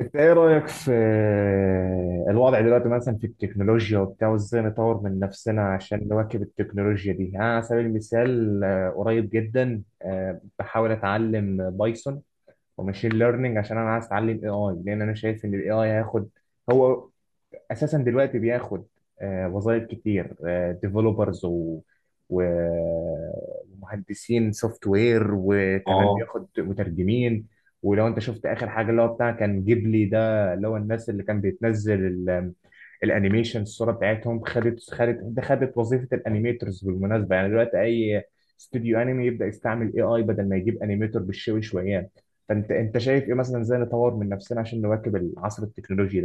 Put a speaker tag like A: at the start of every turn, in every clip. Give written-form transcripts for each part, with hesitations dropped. A: انت ايه رايك في الوضع دلوقتي مثلا في التكنولوجيا وبتاع وازاي نطور من نفسنا عشان نواكب التكنولوجيا دي؟ يعني على سبيل المثال، قريب جدا بحاول اتعلم بايثون وماشين ليرنينج، عشان انا عايز اتعلم اي اي، لان انا شايف ان الاي اي هياخد، هو اساسا دلوقتي بياخد وظائف كتير. ديفلوبرز و و- ومهندسين سوفت وير، وكمان
B: اه
A: بياخد مترجمين. ولو انت شفت اخر حاجه اللي هو بتاع كان جيبلي ده، اللي هو الناس اللي كان بيتنزل الانيميشن الصوره بتاعتهم، خدت وظيفه الانيميترز بالمناسبه. يعني دلوقتي اي استوديو انمي يبدا يستعمل اي اي بدل ما يجيب انيميتور بالشوي شويان. فانت شايف ايه مثلا، ازاي نطور من نفسنا عشان نواكب العصر التكنولوجي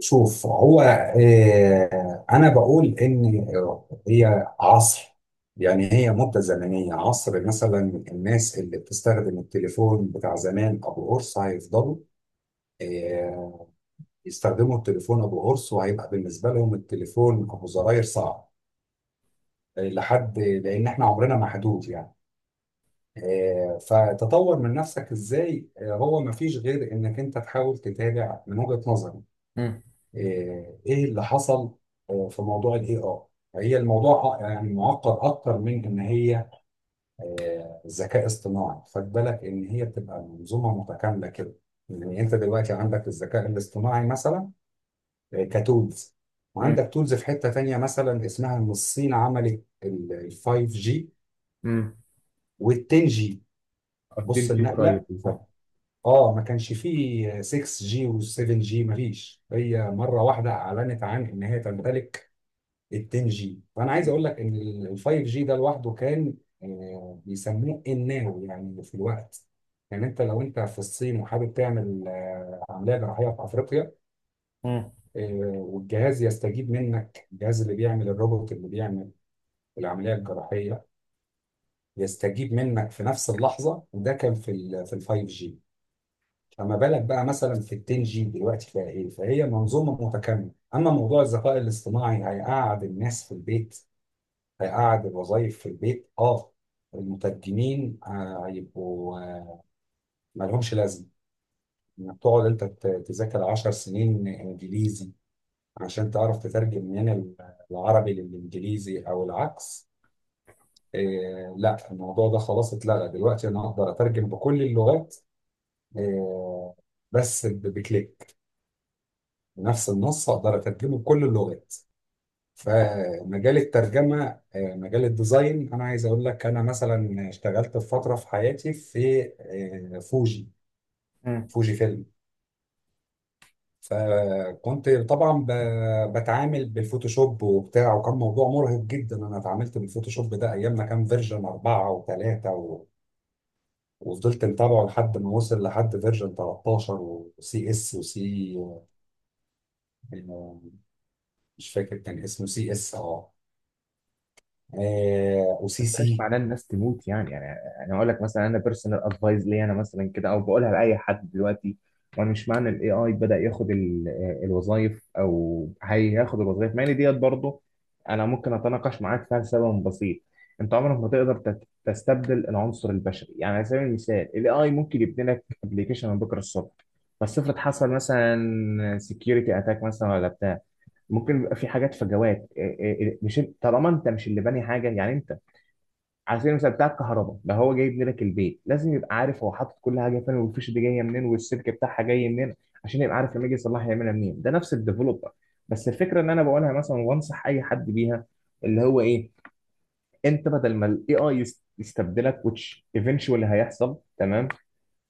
B: شوف، هو انا بقول ان هي عصر، يعني هي مده زمنيه عصر. مثلا الناس اللي بتستخدم التليفون بتاع زمان ابو قرص هيفضلوا آه، يستخدموا التليفون ابو قرص، وهيبقى بالنسبه لهم التليفون ابو زراير صعب لحد، لان احنا عمرنا محدود يعني. فتطور من نفسك ازاي؟ هو مفيش غير انك انت تحاول تتابع من وجهه نظري. ايه اللي حصل في موضوع الاي اي؟ هي الموضوع يعني معقد اكتر من ان هي ذكاء اصطناعي. خد بالك ان هي بتبقى منظومه متكامله كده. يعني انت دلوقتي عندك الذكاء الاصطناعي مثلا، كتولز،
A: ده؟
B: وعندك تولز في حته تانيه مثلا اسمها ان الصين عملت ال 5 جي
A: امم.
B: وال 10 جي. بص
A: اكتيفيتي قريب
B: النقله
A: بالظبط.
B: اه، ما كانش فيه 6 جي و 7 جي مفيش، هي مره واحده اعلنت عن ان هي تمتلك ال 10 جي. فانا عايز اقول لك ان ال 5 جي ده لوحده كان بيسموه الناو، يعني في الوقت. يعني انت لو انت في الصين وحابب تعمل عمليه جراحيه في افريقيا
A: امم.
B: والجهاز يستجيب منك، الجهاز اللي بيعمل الروبوت اللي بيعمل العمليه الجراحيه يستجيب منك في نفس اللحظه، وده كان في ال 5 جي. فما بالك بقى مثلا في ال 10 جي دلوقتي فيها ايه؟ فهي منظومه متكامله. اما موضوع الذكاء الاصطناعي، هيقعد الناس في البيت، هيقعد الوظائف في البيت. اه المترجمين هيبقوا مالهمش لازمه. انك تقعد انت تذاكر 10 سنين انجليزي عشان تعرف تترجم من العربي للانجليزي او العكس، لا، الموضوع ده خلاص اتلغى. دلوقتي انا اقدر اترجم بكل اللغات، آه، بس بكليك، نفس النص اقدر اترجمه بكل اللغات.
A: طب.
B: فمجال الترجمة، مجال الديزاين، أنا عايز أقول لك أنا مثلا اشتغلت في فترة في حياتي في فوجي،
A: امم.
B: فوجي فيلم. فكنت طبعا بتعامل بالفوتوشوب وبتاع، وكان موضوع مرهق جدا. أنا اتعاملت بالفوتوشوب ده أيام ما كان فيرجن أربعة و3 وفضلت متابعه لحد ما وصل لحد فيرجن 13 وسي اس وسي، آه، مش فاكر كان اسمه سي اس اه
A: ما
B: وسي
A: بقاش
B: سي.
A: معناه الناس تموت يعني، انا اقول لك مثلا، انا بيرسونال ادفايز ليا انا مثلا كده، او بقولها لاي حد دلوقتي. وانا مش معنى الاي اي بدا ياخد الوظائف او هياخد الوظائف، مع ان ديت برضه انا ممكن اتناقش معاك فيها لسبب بسيط. انت عمرك ما تقدر تستبدل العنصر البشري. يعني على سبيل المثال، الاي اي ممكن يبني لك ابلكيشن من بكره الصبح، بس افرض حصل مثلا سكيورتي اتاك مثلا ولا بتاع، ممكن يبقى في حاجات فجوات. إيه إيه إيه، مش إنت- طالما انت مش اللي باني حاجه، يعني انت على سبيل المثال بتاع الكهرباء ده، هو جاي يبني لك البيت، لازم يبقى عارف هو حاطط كل حاجه فين، والفيش دي جايه منين، والسلك بتاعها جاي منين، عشان يبقى عارف لما يجي يصلحها يعملها منين. ده نفس الديفلوبر. بس الفكره ان انا بقولها مثلا، وانصح اي حد بيها، اللي هو ايه، انت بدل ما الاي اي يستبدلك which eventually هيحصل، تمام،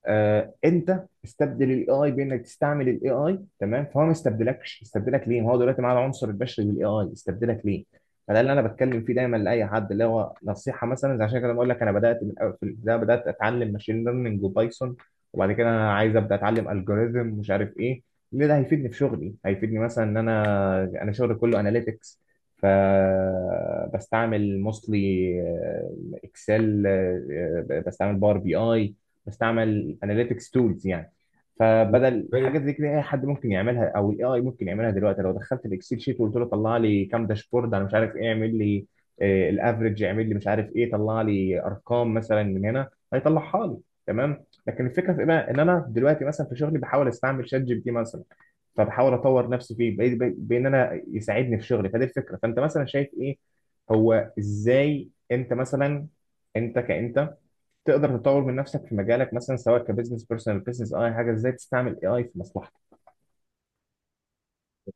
A: آه انت استبدل الاي اي بانك تستعمل الاي اي، تمام. فهو ما استبدلكش، استبدلك ليه ما هو دلوقتي معاه العنصر البشري بالاي اي، استبدلك ليه؟ فده اللي انا بتكلم فيه دايما لاي حد، اللي هو نصيحه مثلا زي عشان كده بقول لك، انا بدات في البدايه بدات اتعلم ماشين ليرنينج وبايثون، وبعد كده انا عايز ابدا اتعلم الجوريزم مش عارف ايه، ليه ده هيفيدني في شغلي. هيفيدني مثلا ان انا شغلي كله اناليتكس، فبستعمل موستلي اكسل، بستعمل باور بي اي، بستعمل اناليتكس تولز يعني. فبدل
B: بالنسبة
A: حاجه
B: لي،
A: زي كده اي حد ممكن يعملها او الاي اي ممكن يعملها دلوقتي، لو دخلت الاكسل شيت وقلت له طلع لي كام داشبورد انا مش عارف ايه، اعمل لي الافرج، اعمل لي مش عارف ايه، طلع لي ارقام مثلا من هنا، هيطلعها لي. تمام. لكن الفكره في ايه بقى، ان انا دلوقتي مثلا في شغلي بحاول استعمل شات جي بي تي مثلا، فبحاول اطور نفسي فيه، بان انا يساعدني في شغلي. فدي الفكره. فانت مثلا شايف ايه، هو ازاي انت مثلا انت كانت تقدر تطور من نفسك في مجالك، مثلا سواء كبزنس، بيرسونال، بزنس، اي حاجه، ازاي تستعمل اي اي في مصلحتك؟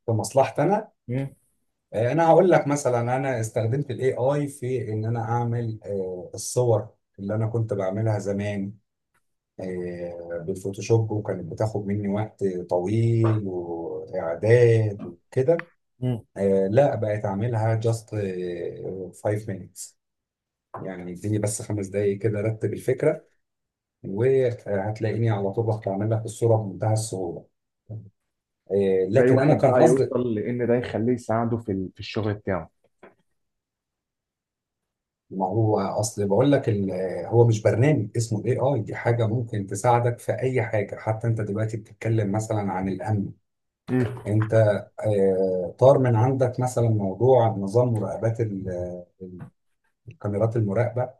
B: كمصلحتي انا،
A: مم.
B: انا هقول لك مثلا انا استخدمت الاي اي في ان انا اعمل الصور اللي انا كنت بعملها زمان بالفوتوشوب، وكانت بتاخد مني وقت طويل واعداد وكده.
A: مم.
B: لا، بقيت اعملها جاست 5 minutes. يعني اديني بس خمس دقايق كده، رتب الفكره، وهتلاقيني على طول بعمل لك الصوره بمنتهى السهوله.
A: ازاي
B: لكن انا
A: واحد
B: كان
A: بقى
B: قصدي،
A: يوصل لان ده يخليه يساعده في في الشغل بتاعه؟
B: ما هو اصل بقول لك هو مش برنامج اسمه الاي اي، دي حاجه ممكن تساعدك في اي حاجه. حتى انت دلوقتي بتتكلم مثلا عن الامن،
A: مم.
B: انت طار من عندك مثلا موضوع نظام مراقبات ال- الكاميرات المراقبه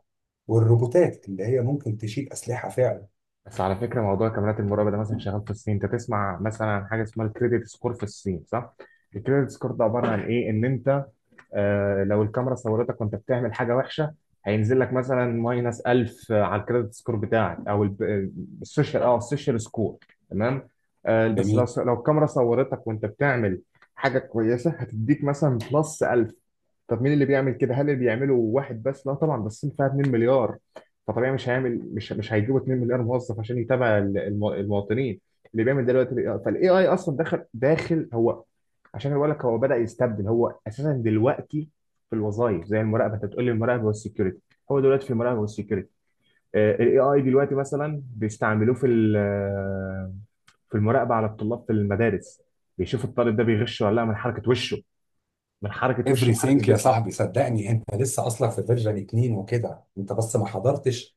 B: والروبوتات اللي هي ممكن تشيل اسلحه فعلا.
A: بس على فكره موضوع كاميرات المراقبه ده مثلا شغال في الصين. انت تسمع مثلا عن حاجه اسمها الكريدت سكور في الصين، صح؟ الكريدت سكور ده عباره عن ايه، ان انت لو الكاميرا صورتك وانت بتعمل حاجه وحشه، هينزل لك مثلا ماينس 1000 على الكريدت سكور بتاعك، او السوشيال، اه، السوشيال سكور. تمام. بس لو
B: جميل.
A: لو الكاميرا صورتك وانت بتعمل حاجه كويسه، هتديك مثلا بلس 1000. طب مين اللي بيعمل كده؟ هل اللي بيعمله واحد بس؟ لا طبعا، بس فيها 2 مليار، فطبيعي مش هيعمل، مش هيجيبوا 2 مليار موظف عشان يتابع المواطنين اللي بيعمل دلوقتي. فالاي اي اصلا داخل، هو عشان بقول لك هو بدأ يستبدل، هو اساسا دلوقتي في الوظائف زي المراقبه. انت بتقول لي المراقبه والسكيورتي، هو دلوقتي في المراقبه والسكيورتي. الاي اي دلوقتي مثلا بيستعملوه في في المراقبه على الطلاب في المدارس، بيشوفوا الطالب ده بيغش ولا لا، من حركه وشه، من حركه وشه وحركه
B: Everything يا
A: جسمه.
B: صاحبي، صدقني انت لسه اصلا في فيرجن 2 وكده، انت بس ما حضرتش.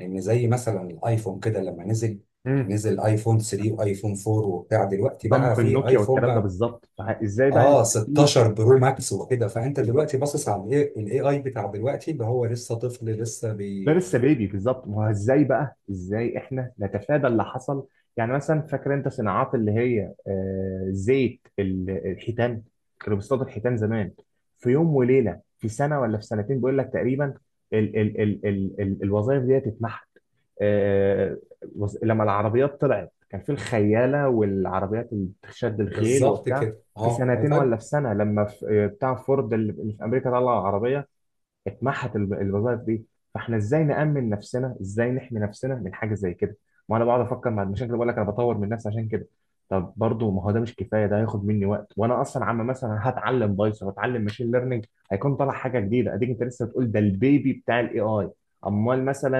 B: لان زي مثلا الايفون كده لما نزل،
A: مم.
B: نزل ايفون 3 وايفون 4 وبتاع، دلوقتي بقى
A: دمر
B: في
A: النوكيا
B: ايفون
A: والكلام ده
B: بقى
A: بالظبط. فازاي بقى
B: اه
A: نستفيد؟
B: 16 برو ماكس وكده. فانت دلوقتي
A: بالظبط،
B: باصص على الاي اي بتاع دلوقتي اللي هو لسه طفل، لسه
A: ده
B: بي...
A: لسه بيبي بالظبط. ما هو ازاي بقى، ازاي احنا نتفادى اللي حصل؟ يعني مثلا فاكر انت صناعات اللي هي زيت الحيتان، كانوا بيصطادوا الحيتان زمان، في يوم وليله في سنه ولا في سنتين بيقول لك تقريبا، ال ال ال ال ال الوظائف دي اتمحت. آه، لما العربيات طلعت، كان في الخياله والعربيات اللي بتشد الخيل
B: بالظبط
A: وبتاع،
B: كده
A: في
B: اه هو
A: سنتين
B: فاهم.
A: ولا في سنه لما بتاع فورد اللي في امريكا طلع العربيه، اتمحت الوظائف دي. فاحنا ازاي نأمن نفسنا، ازاي نحمي نفسنا من حاجه زي كده؟ ما انا بقعد افكر مع المشاكل، بقول لك انا بطور من نفسي عشان كده. طب برضه ما هو ده مش كفايه، ده هياخد مني وقت، وانا اصلا عم مثلا هتعلم بايثون واتعلم ماشين ليرنينج، هيكون طالع حاجه جديده، اديك انت لسه بتقول ده البيبي بتاع الاي اي، امال مثلا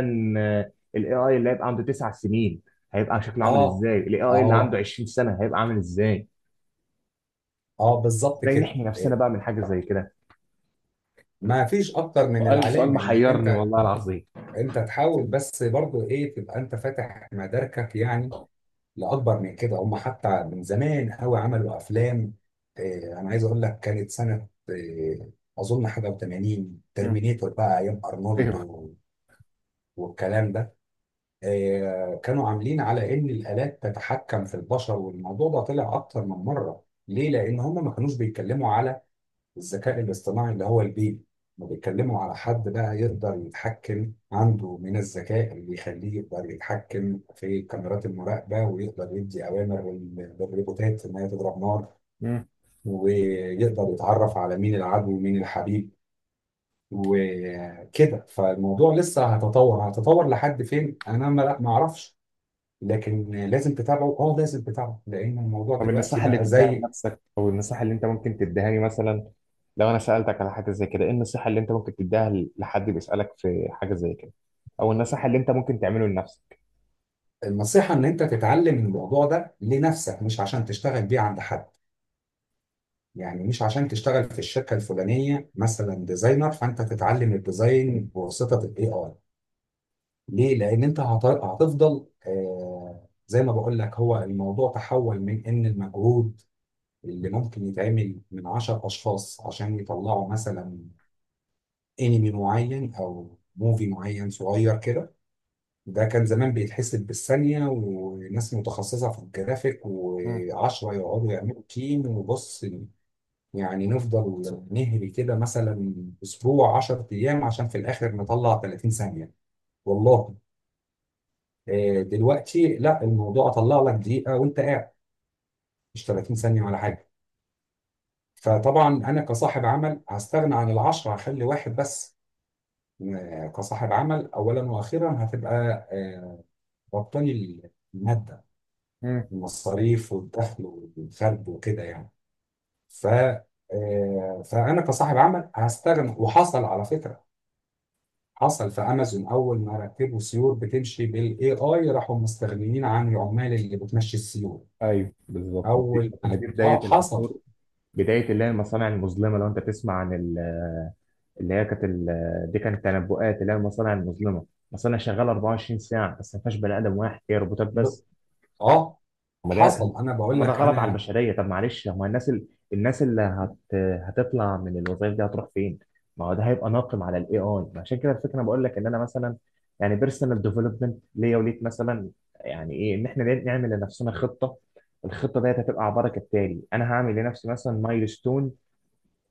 A: الاي اي اللي هيبقى عنده تسع سنين هيبقى شكله عامل
B: اه
A: ازاي؟ الاي اي اللي عنده
B: اه
A: 20 سنه هيبقى عامل ازاي؟
B: اه بالظبط
A: ازاي
B: كده.
A: نحمي نفسنا
B: إيه،
A: بقى من حاجه زي كده؟
B: ما فيش اكتر من
A: سؤال سؤال
B: العلامه انك
A: محيرني
B: انت،
A: والله العظيم.
B: انت تحاول بس برضو ايه تبقى انت فاتح مداركك يعني لاكبر من كده. هم حتى من زمان قوي عملوا افلام، انا عايز اقول لك كانت سنه اظن حاجه و80،
A: مم.
B: ترمينيتور بقى ايام ارنولد
A: ايوه.
B: والكلام ده. كانوا عاملين على ان الالات تتحكم في البشر، والموضوع ده طلع اكتر من مره. ليه؟ لان هم ما كانوش بيتكلموا على الذكاء الاصطناعي اللي هو البيبي. ما بيتكلموا على حد بقى يقدر يتحكم عنده من الذكاء اللي يخليه يقدر يتحكم في كاميرات المراقبة، ويقدر يدي أوامر للروبوتات إن هي تضرب نار، ويقدر يتعرف على مين العدو ومين الحبيب وكده. فالموضوع لسه هيتطور، هيتطور لحد فين أنا ما أعرفش. لكن لازم تتابعه، اه لازم تتابعه، لأن الموضوع
A: طب
B: دلوقتي
A: النصيحة اللي
B: بقى
A: تديها
B: زي.
A: لنفسك، أو النصيحة اللي أنت ممكن تديها لي مثلا، لو أنا سألتك على حاجة زي كده، إيه النصيحة اللي أنت ممكن تديها لحد بيسألك في حاجة زي كده، أو النصيحة اللي أنت ممكن تعمله لنفسك؟
B: النصيحة إن أنت تتعلم الموضوع ده لنفسك، مش عشان تشتغل بيه عند حد. يعني مش عشان تشتغل في الشركة الفلانية مثلا ديزاينر، فأنت تتعلم الديزاين بواسطة ال AI. ليه؟ لأن أنت هتفضل، آه زي ما بقول لك، هو الموضوع تحول من إن المجهود اللي ممكن يتعمل من 10 أشخاص عشان يطلعوا مثلا أنمي معين أو موفي معين صغير كده، ده كان زمان بيتحسب بالثانية وناس متخصصة في الجرافيك،
A: مم.
B: وعشرة يقعدوا يعملوا تيم وبص، يعني نفضل نهري كده مثلا اسبوع 10 ايام عشان في الاخر نطلع 30 ثانيه. والله دلوقتي لا، الموضوع اطلع لك دقيقه وانت قاعد، مش 30 ثانيه ولا حاجه. فطبعا انا كصاحب عمل هستغنى عن العشرة، هخلي واحد بس. كصاحب عمل اولا واخيرا هتبقى آه، ربطاني، الماده،
A: مم.
B: المصاريف والدخل والخرج وكده يعني. ف فانا كصاحب عمل هستغنى. وحصل، على فكره، حصل في امازون، اول ما رتبوا سيور بتمشي بالاي اي راحوا مستغنيين عن العمال اللي بتمشي السيور.
A: أيوه، بالظبط. ما دي
B: اول
A: ما دي
B: اه
A: بداية
B: حصل
A: العصور، بداية اللي هي المصانع المظلمة. لو أنت تسمع عن اللي هي كانت دي كانت تنبؤات اللي هي المصانع المظلمة، مصانع شغالة 24 ساعة بس ما فيهاش بني آدم واحد، هي روبوتات
B: ب...
A: بس.
B: اه
A: طب ما ده
B: حصل. انا
A: طب
B: بقول
A: ما ده
B: لك
A: غلط على
B: انا
A: البشريه. طب معلش، هو الناس ال... الناس اللي هت... هتطلع من الوظائف دي هتروح فين؟ ما هو ده هيبقى ناقم على الاي اي. عشان كده الفكره انا بقول لك، ان انا مثلا يعني بيرسونال ديفلوبمنت ليا وليك مثلا، يعني ايه، ان احنا نعمل لنفسنا خطه. الخطه ديت هتبقى عباره كالتالي: انا هعمل لنفسي مثلا مايلستون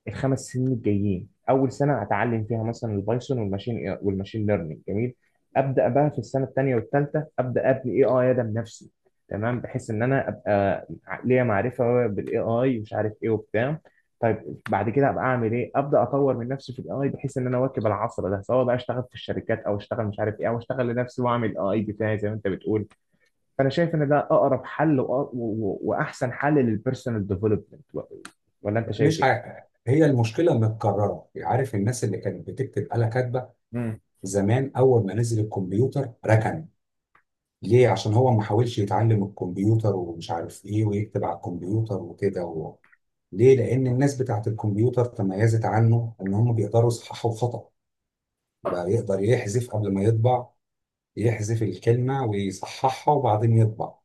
A: الخمس سنين الجايين. اول سنه هتعلم فيها مثلا البايثون والماشين والماشين ليرنينج، جميل. ابدا بقى في السنه الثانيه والثالثه ابدا ابني اي اي ادم نفسي، تمام، بحيث ان انا ابقى ليا معرفه بالاي اي ومش عارف ايه وبتاع. طيب بعد كده ابقى اعمل ايه؟ ابدا اطور من نفسي في الاي اي، بحيث ان انا اواكب العصر ده، سواء بقى اشتغل في الشركات، او اشتغل مش عارف ايه، او اشتغل لنفسي واعمل اي بتاعي زي ما انت بتقول. فانا شايف ان ده اقرب حل وأ- و- و- واحسن حل للبيرسونال ديفلوبمنت. ولا انت شايف
B: مش
A: ايه؟
B: ع... هي المشكله متكرره. عارف الناس اللي كانت بتكتب آلة كاتبه زمان، اول ما نزل الكمبيوتر ركن. ليه؟ عشان هو ما حاولش يتعلم الكمبيوتر ومش عارف ايه، ويكتب على الكمبيوتر وكده ليه؟ لان الناس بتاعت الكمبيوتر تميزت عنه ان هم بيقدروا يصححوا خطأ، بقى يقدر يحذف قبل ما يطبع، يحذف الكلمة ويصححها وبعدين يطبع.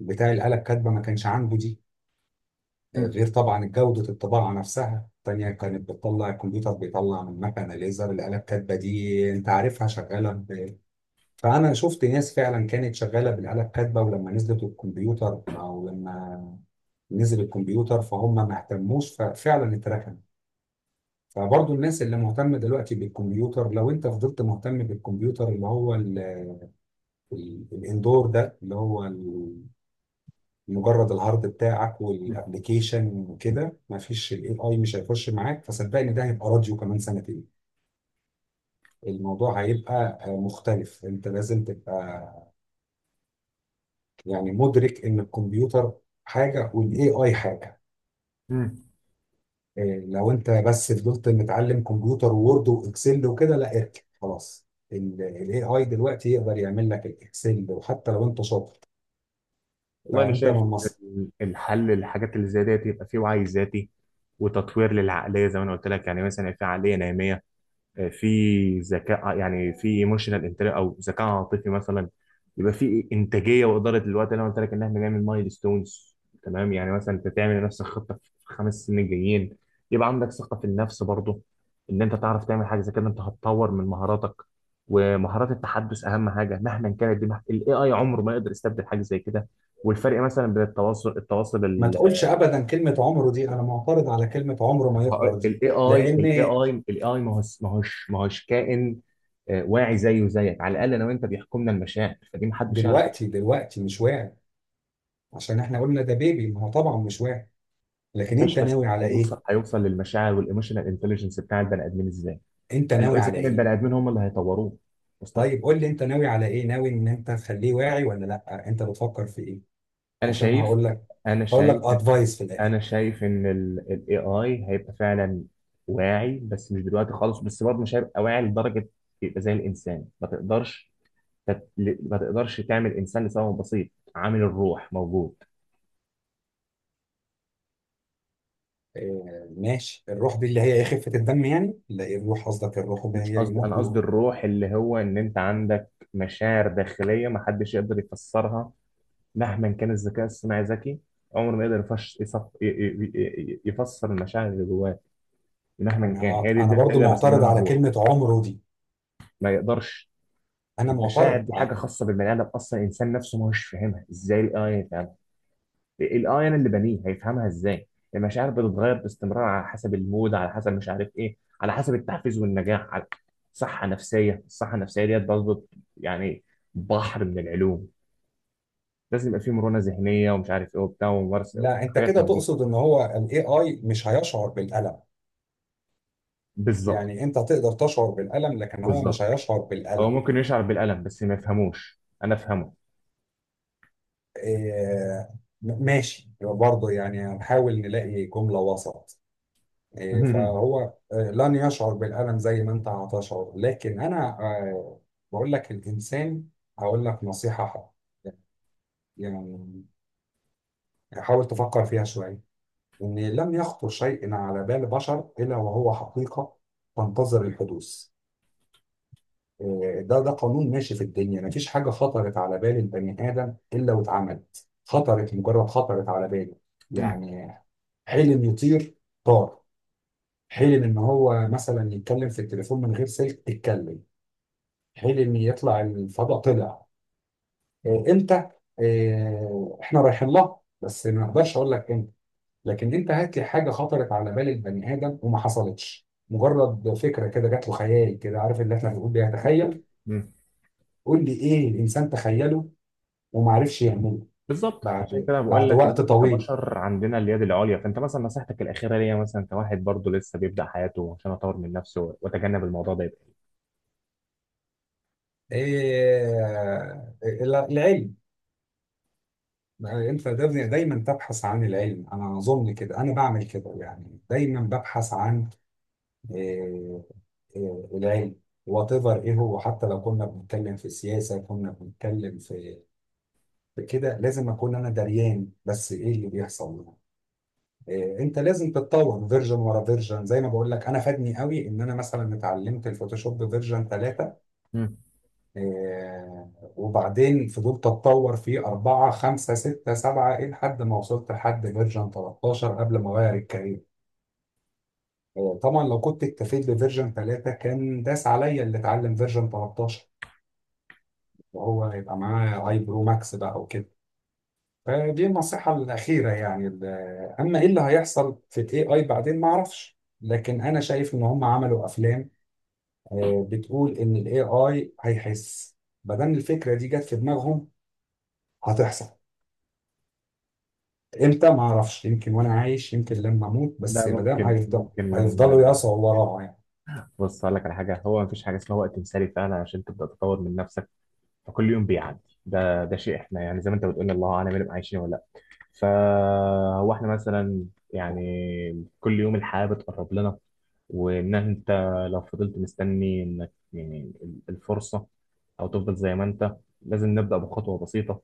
B: بتاع الآلة الكاتبة ما كانش عنده دي،
A: مم.
B: غير طبعا جودة الطباعة نفسها التانية كانت بتطلع. الكمبيوتر بيطلع من مكنة ليزر، الآلة الكاتبة دي أنت عارفها شغالة فأنا شفت ناس فعلا كانت شغالة بالآلة الكاتبة، ولما نزلت الكمبيوتر أو لما نزل الكمبيوتر فهم ما اهتموش، ففعلا اتركن. فبرضه الناس اللي مهتمة دلوقتي بالكمبيوتر، لو أنت فضلت مهتم بالكمبيوتر اللي هو الاندور ده، اللي هو مجرد الهارد بتاعك
A: مم.
B: والابلكيشن وكده، ما فيش الاي اي، مش هيخش معاك. فصدقني ده هيبقى راديو كمان سنتين. الموضوع هيبقى مختلف، انت لازم تبقى يعني مدرك ان الكمبيوتر حاجه والاي اي حاجه.
A: مم.
B: آه، لو انت بس فضلت متعلم كمبيوتر وورد واكسل وكده، لا اركن خلاص. الاي اي دلوقتي يقدر يعمل لك الاكسل وحتى لو انت شاطر.
A: والله انا
B: فانت
A: شايف
B: من
A: ان الحل للحاجات اللي زي ديت يبقى فيه وعي ذاتي، وتطوير للعقليه، زي ما انا قلت لك، يعني مثلا في عقليه ناميه، في ذكاء، يعني في ايموشنال انتليجنس او ذكاء عاطفي مثلا، يبقى في انتاجيه واداره الوقت اللي انا قلت لك ان احنا نعمل مايل ستونز، تمام، يعني مثلا انت تعمل لنفسك خطه في خمس سنين جايين. يبقى عندك ثقه في النفس برضه ان انت تعرف تعمل حاجه زي كده. انت هتطور من مهاراتك ومهارات التحدث، اهم حاجه، مهما كانت دي الاي اي عمره ما يقدر يستبدل حاجه زي كده. والفرق مثلا بين التواصل
B: ما تقولش ابدا كلمه عمره دي، انا معترض على كلمه عمره ما يقدر دي. لان
A: الاي اي، ما هوش ما هوش كائن واعي زيه وزيك. على الاقل انا وانت بيحكمنا المشاعر، فدي ما حدش يعرف.
B: دلوقتي، دلوقتي مش واعي، عشان احنا قلنا ده بيبي، ما هو طبعا مش واعي. لكن انت
A: ماشي، بس
B: ناوي على ايه؟
A: هيوصل، للمشاعر والايموشنال انتليجنس بتاع البني ادمين ازاي؟
B: انت
A: قال له
B: ناوي
A: اذا
B: على
A: كان البني
B: ايه؟
A: ادمين هم اللي هيطوروه. وصلك.
B: طيب قول لي انت ناوي على ايه؟ ناوي ان انت تخليه واعي ولا لا؟ انت بتفكر في ايه؟
A: انا
B: عشان
A: شايف
B: هقول لك،
A: انا
B: هقول لك
A: شايف
B: ادفايس في الاخر.
A: انا شايف ان الاي اي هيبقى فعلا واعي، بس مش دلوقتي خالص، بس برضه مش هيبقى واعي لدرجه يبقى زي الانسان، ما تقدرش ما تقدرش تعمل انسان لسبب بسيط: عامل الروح موجود.
B: آه ماشي، الروح دي اللي هي ايه؟ خفه الدم يعني؟ لا، إيه الروح؟ قصدك الروح اللي
A: مش
B: هي
A: قصدي، انا
B: يموت
A: قصدي الروح اللي هو ان انت عندك مشاعر داخليه ما حدش يقدر يفسرها. مهما كان الذكاء الصناعي ذكي، عمره ما يقدر يفش يصف ي- ي- ي- يفسر المشاعر اللي جواه، مهما كان.
B: انا
A: هي دي،
B: انا
A: دي
B: برضو
A: اللي أنا
B: معترض
A: بسميها
B: على
A: الروح.
B: كلمه عمره دي،
A: ما يقدرش.
B: انا
A: المشاعر
B: معترض.
A: دي حاجه خاصه بالبني ادم، اصلا الانسان نفسه ما هوش فاهمها، ازاي الاي انا اللي بنيه هيفهمها ازاي؟ المشاعر بتتغير باستمرار، على حسب المود، على حسب مش عارف ايه، على حسب التحفيز والنجاح، على صحه نفسيه، الصحه النفسيه ديت برضه يعني بحر من العلوم. لازم يبقى فيه مرونه ذهنيه ومش عارف ايه وبتاع وممارسه،
B: لا انت
A: حاجات
B: كده
A: من دي.
B: تقصد ان هو الاي اي مش هيشعر بالالم؟
A: بالظبط.
B: يعني انت تقدر تشعر بالالم لكن هو مش
A: بالظبط،
B: هيشعر
A: هو
B: بالالم.
A: ممكن يشعر بالالم بس ما يفهموش انا افهمه.
B: إيه ماشي برضه، يعني هنحاول نلاقي جملة وسط. إيه فهو لن يشعر بالالم زي ما انت هتشعر، لكن انا بقول لك الانسان، هقول لك نصيحة حق. يعني حاول تفكر فيها شوية، إن لم يخطر شيء على بال بشر إلا وهو حقيقة تنتظر الحدوث. ده قانون ماشي في الدنيا، مفيش حاجة خطرت على بال البني آدم إلا واتعملت. خطرت، مجرد خطرت على باله يعني. حلم يطير، طار. حلم إن هو مثلا يتكلم في التليفون من غير سلك، اتكلم. حلم يطلع الفضاء، طلع. إيه، إمتى؟ إيه، إحنا رايحين لها، بس ما أقدرش أقول لك إمتى. لكن أنت هات لي حاجة خطرت على بال البني آدم وما حصلتش. مجرد فكرة كده جات له، خيال كده، عارف اللي إحنا بنقول بيتخيل. قول لي إيه الإنسان تخيله وما عرفش يعمله.
A: بالظبط، عشان
B: بعد
A: كده بقول
B: بعد
A: لك ان
B: وقت
A: احنا
B: طويل،
A: كبشر عندنا اليد العليا. فانت مثلا نصيحتك الاخيره ليا مثلا كواحد برضه لسه بيبدا حياته، عشان اطور من نفسي واتجنب الموضوع ده، يبقى.
B: إيه العلم. انت دايما دايماً تبحث عن العلم، انا اظن كده، انا بعمل كده يعني، دايما ببحث عن إيه، إيه العلم. وات ايفر، ايه هو، حتى لو كنا بنتكلم في السياسه، كنا بنتكلم في في كده، لازم اكون انا دريان بس ايه اللي بيحصل. إيه، انت لازم تتطور فيرجن ورا فيرجن، زي ما بقول لك انا، فادني قوي ان انا مثلا اتعلمت الفوتوشوب فيرجن ثلاثة،
A: مم.
B: آه، وبعدين فضلت اتطور فيه أربعة خمسة ستة سبعة إيه لحد ما وصلت لحد فيرجن 13 قبل ما أغير الكارير. طبعا لو كنت اكتفيت بفيرجن 3 كان داس عليا اللي اتعلم فيرجن 13 وهو يبقى معاه اي برو ماكس بقى وكده. فدي النصيحة الأخيرة يعني أما إيه اللي هيحصل في ال AI بعدين ما أعرفش، لكن أنا شايف إن هم عملوا أفلام بتقول إن ال AI هيحس. مادام الفكرة دي جت في دماغهم، هتحصل. امتى ما اعرفش، يمكن وانا عايش، يمكن لما اموت،
A: ده
B: بس ما دام
A: ممكن،
B: هيفضل،
A: ممكن لما،
B: هيفضلوا يقصوا وراها يعني.
A: بص اقول لك على حاجه، هو مفيش حاجه اسمها وقت مثالي فعلا عشان تبدا تطور من نفسك. فكل يوم بيعدي، ده ده شيء، احنا يعني زي ما انت بتقول الله اعلم هنبقى عايشين ولا. فهو احنا مثلا يعني كل يوم الحياة بتقرب لنا. وان انت لو فضلت مستني انك يعني الفرصة، او تفضل زي ما انت، لازم نبدأ بخطوة بسيطة،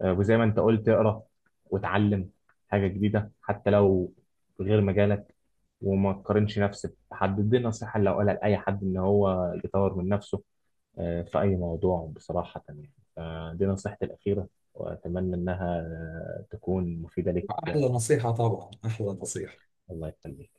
A: وزي ما انت قلت اقرا وتعلم حاجة جديدة حتى لو غير مجالك. وما تقارنش نفسك بحد، دي نصيحة اللي هقولها لأي حد إن هو يطور من نفسه في أي موضوع بصراحة يعني. فدي نصيحتي الأخيرة، وأتمنى إنها تكون مفيدة لك.
B: احلى نصيحة طبعا، احلى نصيحة.
A: الله يخليك.